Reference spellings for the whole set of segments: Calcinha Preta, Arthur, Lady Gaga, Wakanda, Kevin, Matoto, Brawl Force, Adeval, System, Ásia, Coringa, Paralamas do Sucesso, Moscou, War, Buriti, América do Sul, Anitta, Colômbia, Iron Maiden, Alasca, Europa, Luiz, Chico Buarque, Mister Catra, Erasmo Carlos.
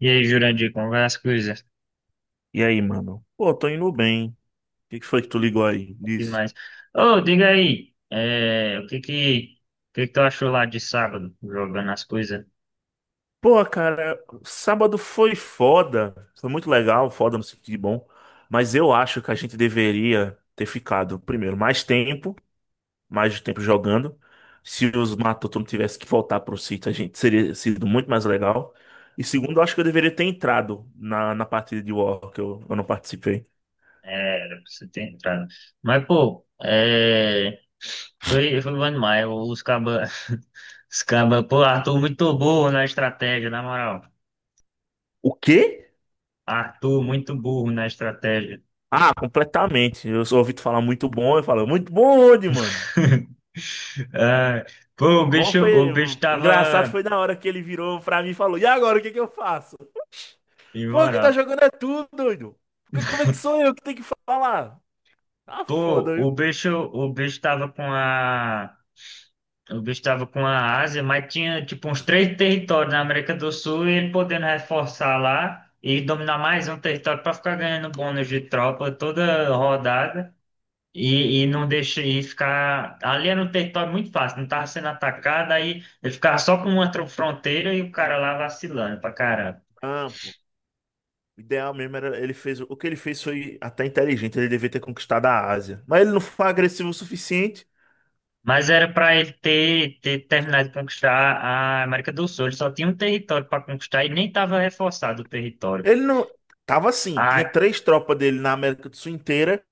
E aí, Jurandir, como vai as coisas? E aí, mano? Pô, tô indo bem. O que que foi que tu ligou aí? Bom Diz. demais. Ô, diga aí, o que que tu achou lá de sábado, jogando as coisas? Pô, cara, sábado foi foda. Foi muito legal, foda no sentido de bom. Mas eu acho que a gente deveria ter ficado, primeiro, mais tempo jogando. Se os Matoto não tivesse que voltar pro sítio, a gente seria sido muito mais legal. E segundo, eu acho que eu deveria ter entrado na partida de War, que eu não participei. É, era pra você ter entrado. Mas, pô, foi bom demais. Os cabas, os cabas, pô, Arthur muito burro na estratégia, na moral. O quê? Arthur muito burro na estratégia. Ah, completamente. Eu só ouvi tu falar muito bom, eu falo, muito bom onde, mano? Ah, pô, Bom foi. o bicho Engraçado foi tava na hora que ele virou pra mim e falou: e agora, o que que eu faço? Foi o que tá imoral. jogando é tudo, doido. Porque como é que sou eu que tenho que falar? Tá Pô, foda, viu? O bicho tava com a. O bicho tava com a Ásia, mas tinha tipo uns três territórios na América do Sul e ele podendo reforçar lá e dominar mais um território para ficar ganhando bônus de tropa toda rodada e não deixar e ficar. Ali era um território muito fácil, não tava sendo atacado, aí ele ficava só com uma fronteira e o cara lá vacilando pra caramba. Ah, pô. O ideal mesmo era. Ele fez. O que ele fez foi até inteligente. Ele devia ter conquistado a Ásia. Mas ele não foi agressivo o suficiente. Mas era para ele ter terminado de conquistar a América do Sul. Ele só tinha um território para conquistar e nem estava reforçado o território. Ele não. Tava assim. Tinha Ah, três tropas dele na América do Sul inteira.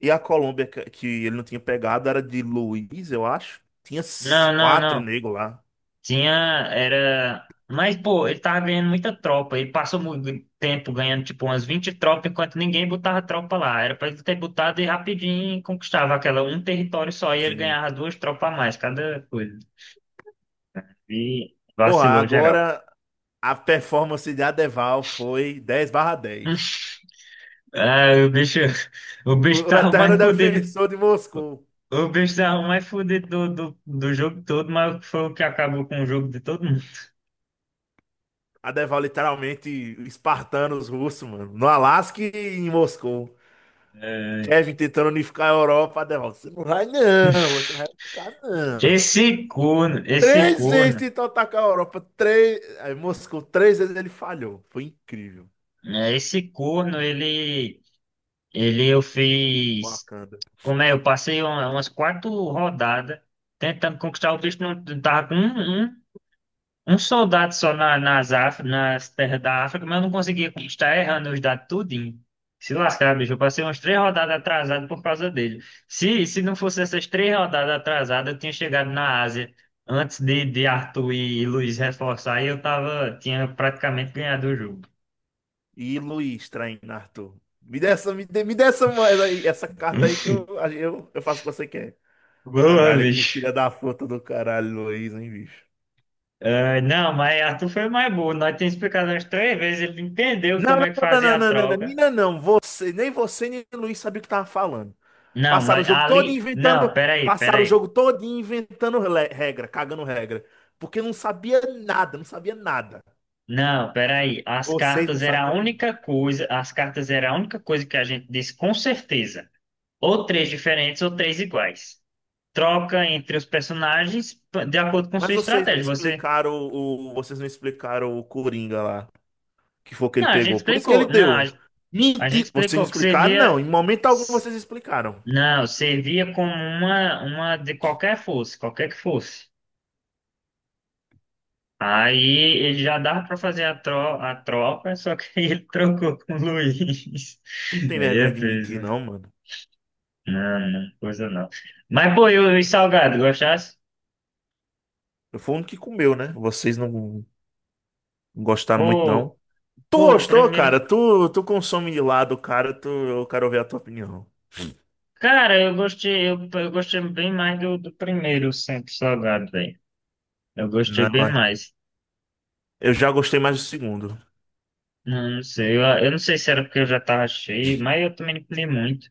E a Colômbia, que ele não tinha pegado, era de Luiz, eu acho. Tinha não, não, quatro não. negros lá. Tinha, era. Mas, pô, ele tava ganhando muita tropa. Ele passou muito tempo ganhando, tipo, umas 20 tropas, enquanto ninguém botava tropa lá. Era pra ele ter botado e rapidinho conquistava aquela um território só. E ele Sim. ganhava duas tropas a mais, cada coisa. E Porra, vacilou geral. agora, a performance de Adeval foi 10 barra 10. Ah, o O, bicho o tava eterno mais fodido. defensor de Moscou. O bicho mais fudido do jogo todo, mas foi o que acabou com o jogo de todo mundo. Adeval literalmente espartano os russos, mano. No Alasca e em Moscou. É. Kevin tentando unificar a Europa. Adeval, você não vai não, você não vai ficar não. Esse corno, esse Três vezes corno, tentou atacar a Europa. Três, aí Moscou, três vezes ele falhou. Foi incrível. né, Esse corno, ele eu fiz, Wakanda. como é, eu passei umas quatro rodadas tentando conquistar o bicho, não tava com um soldado só nas terras da África, mas eu não conseguia conquistar, errando os dados tudinho. Se lascar, bicho, eu passei umas três rodadas atrasado por causa dele. Se não fosse essas três rodadas atrasadas, eu tinha chegado na Ásia antes de Arthur e Luiz reforçar e tinha praticamente ganhado o jogo. E Luiz traindo Arthur. Me dê essa moeda aí, essa carta aí que eu faço o que você quer. Boa, Caralho, que bicho. filha da puta do caralho, Luiz, hein, bicho? Ah, não, mas Arthur foi mais burro. Nós tínhamos explicado umas três vezes, ele entendeu Não, como não, é que não, fazia não, a não, não, não, troca. mina não, você, nem Luiz sabia o que tava falando. Não, Passaram o jogo todo ali. inventando, Não, peraí, passaram o peraí. jogo todo inventando regra, cagando regra, porque não sabia nada, não sabia nada. Não, peraí. Vocês não sabiam nada. As cartas era a única coisa que a gente disse com certeza. Ou três diferentes ou três iguais. Troca entre os personagens de acordo com Mas sua vocês não estratégia. Explicaram o, vocês não explicaram o Coringa lá, que foi o que ele Não, a gente pegou. Por isso que ele explicou. Não, deu. a gente Mentir, vocês não explicou que explicaram, servia. não. Em momento algum s- vocês explicaram. Não, servia como uma de qualquer que fosse. Aí ele já dava para fazer a troca, só que ele trocou com o Luiz. Tu não tem Aí é vergonha de mentir, peso. não, mano. Não, não, coisa não. Mas, pô, e salgado, gostasse? Foi um que comeu, né? Vocês não gostaram muito, não. Pô, Tu Pô, o gostou, primeiro. cara? Tu, tu consome de lado, cara. Tu, eu quero ouvir a tua opinião. Cara, eu gostei bem mais do primeiro sempre salgado, velho. Eu Não, gostei bem é, mais. eu já gostei mais do segundo. Não, não sei, eu não sei se era porque eu já tava cheio, mas eu também não comi muito.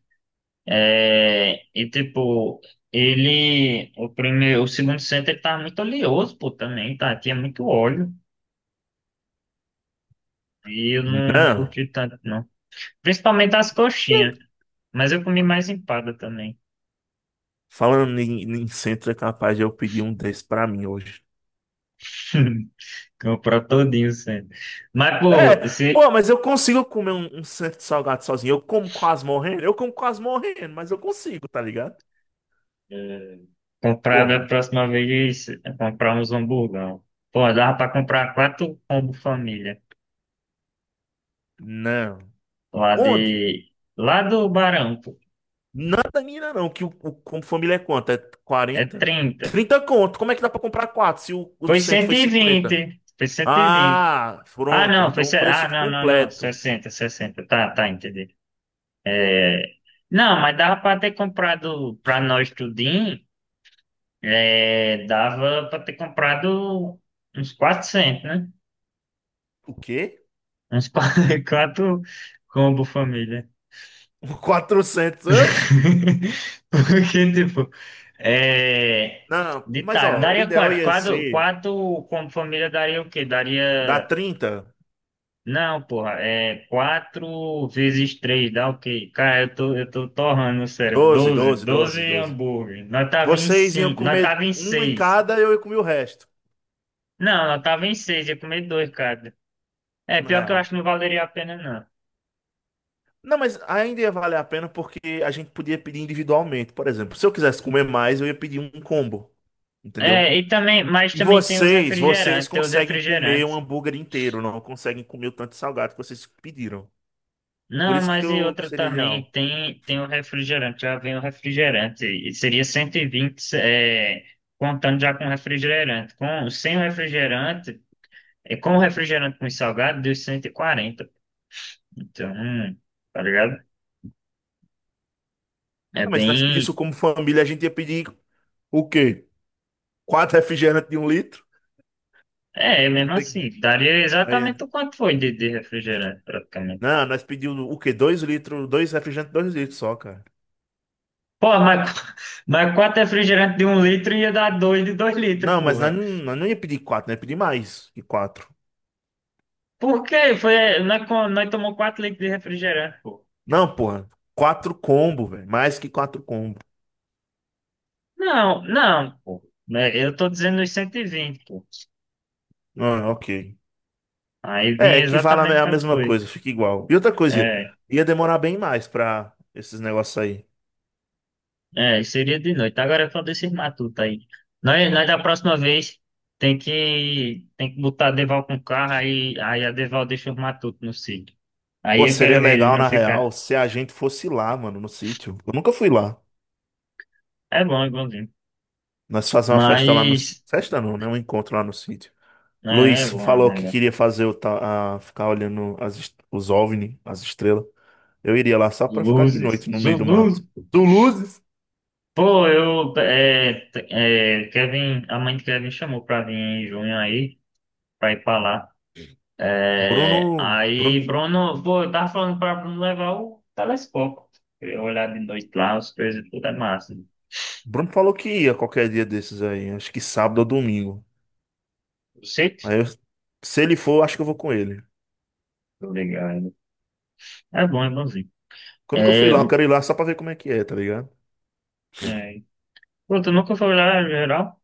É, e tipo, o segundo centro ele tava muito oleoso, pô, também, tá? Tinha muito óleo. E eu não Não. curti tanto, não. Principalmente as Ih, coxinhas. Mas eu comi mais empada também. falando em, em centro, é capaz de eu pedir um desse pra mim hoje. Comprar todinho sendo. Mas, É, pô, se pô, mas eu consigo comer um, um centro salgado sozinho. Eu como quase morrendo. Eu como quase morrendo, mas eu consigo, tá ligado? eh, comprar da Porra, próxima vez, comprar uns hamburgão. Pô, dava pra comprar quatro combo família. não. Lá Onde? de. Lá do Barão, pô. Nada mira não, que o como família é quanto? É É quarenta, 30. 30 conto. Como é que dá pra comprar quatro se o, o Foi centro cento foi e cinquenta? vinte Foi 120. Ah, Ah, pronto. não, foi. Então o Ah, preço não, não, não. completo. 60, 60. Tá, tá, entendi. É. Não, mas dava pra ter comprado pra nós tudinho. É. Dava pra ter comprado uns 400, né? O quê? Uns quatro, combo família. quatrocentos, oxe? Porque, tipo, é, Não, de mas ditado, ó, o daria ideal quatro. ia Quatro, ser quatro como família daria o quê? dar Daria. trinta, Não, porra, é quatro vezes três, dá o quê? Cara, eu tô torrando o cérebro. doze 12, doze doze 12 doze. hambúrguer. Nós tava em Vocês iam cinco, nós comer tava em um em seis. cada, eu ia comer o resto, Não, nós tava em seis, ia comer dois, cara. É, no pior que eu acho real. que não valeria a pena. Não, mas ainda ia valer a pena porque a gente podia pedir individualmente, por exemplo. Se eu quisesse comer mais, eu ia pedir um combo, entendeu? É, e também, mas E também tem os vocês, vocês refrigerantes, tem os conseguem comer um refrigerantes. hambúrguer inteiro, não conseguem comer o tanto de salgado que vocês pediram. Por Não, isso que mas e eu que outra seria também, ideal. Tem o refrigerante, já vem o refrigerante, e seria 120, contando já com o refrigerante. Sem o refrigerante, com o refrigerante com o salgado, deu 140. Então, tá ligado? É Ah, mas se nós bem, pedíssemos como família, a gente ia pedir o quê? Quatro refrigerantes de um litro? é Ia mesmo ter que- assim, daria aí- exatamente o quanto foi de refrigerante, praticamente. não, nós pedimos o quê? Dois litros, dois refrigerantes, dois litros só, cara. Pô, mas, mas quatro refrigerantes de 1 litro ia dar dois de 2 litros, Não, mas porra. Nós não ia pedir quatro, nós ia pedir mais que quatro. Por quê? Nós tomou 4 litros de refrigerante, pô. Não, porra. Quatro combo, velho. Mais que quatro combo. Não, não, pô. Né, eu tô dizendo os 120, pô. Ah, ok. Aí É, vinha equivale a exatamente a quanto mesma foi. coisa, fica igual. E outra coisa, É, ia demorar bem mais pra esses negócios aí. É, seria de noite. Agora é só desses matutos aí. Nós da próxima vez tem que botar a Deval com o carro, aí a Deval deixa os matutos no sítio. Aí Pô, eu quero seria ver eles legal, não na ficar. real, se a gente fosse lá, mano, no sítio. Eu nunca fui lá. É bom, é bonzinho. Nós fazer uma festa lá no... Mas, Festa não, né? Um encontro lá no sítio. né, Luiz é bom, falou que velho. queria fazer o ficar olhando as os OVNI, as estrelas. Eu iria lá só pra ficar de Luzes, noite no meio do mato. luzes. Tu luzes? Pô, Kevin, a mãe de Kevin chamou pra vir em junho aí, pra ir pra lá. Bruno... É, aí, Bruno... Bruno, pô, eu tava falando pra Bruno levar o telescópio. Queria olhar de noite lá, as coisas tudo é massa. Bruno falou que ia qualquer dia desses aí. Acho que sábado ou domingo. O sítio? Aí eu... Se ele for, acho que eu vou com ele. Tô ligado. É bom, é bonzinho. Eu nunca fui É, lá, eu quero ir lá só pra ver como é que é, tá ligado? É, pô, tu nunca foi lá em geral?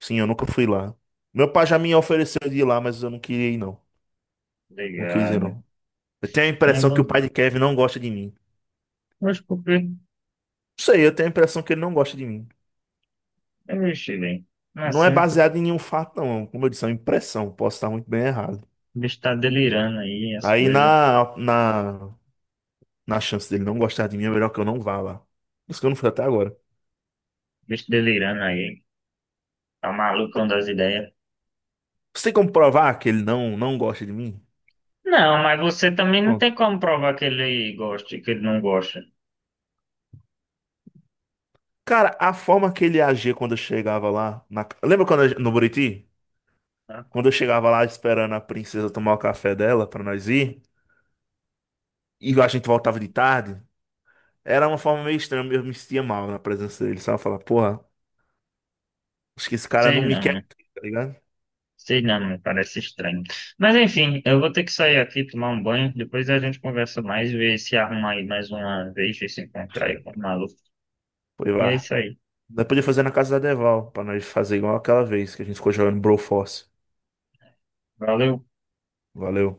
Sim, eu nunca fui lá. Meu pai já me ofereceu de ir lá, mas eu não queria ir, não. Não quis ir, Ligado. não. Eu tenho a É impressão que o pai bonzinho. de Kevin não gosta de mim. Mas por quê? Não sei, eu tenho a impressão que ele não gosta de mim. Eu mexi bem. Não é Não é assim, baseado em nenhum fato, não. Como eu disse, é uma impressão. Posso estar muito bem errado. o bicho tá delirando aí, as Aí coisas. na chance dele não gostar de mim, é melhor que eu não vá lá. Por isso que eu não fui até agora. O bicho delirando aí. É o malucão das ideias. Você tem como provar que ele não, não gosta de mim? Não, mas você também não Pronto. tem como provar que ele gosta e que ele não gosta. Cara, a forma que ele agia quando eu chegava lá. Lembra quando eu- no Buriti? Tá? Quando eu chegava lá esperando a princesa tomar o café dela pra nós ir, e a gente voltava de tarde, era uma forma meio estranha, eu me sentia mal na presença dele, sabe? Eu falava, porra, acho que esse cara Sei não me quer não, aqui, tá ligado? sei não, me parece estranho. Mas enfim, eu vou ter que sair aqui, tomar um banho, depois a gente conversa mais, ver se arruma aí mais uma vez, ver se encontrar aí com o maluco. Foi E é lá. isso aí. Nós podia fazer na casa da Deval, pra nós fazer igual aquela vez que a gente ficou jogando Brawl Force. Valeu. Valeu.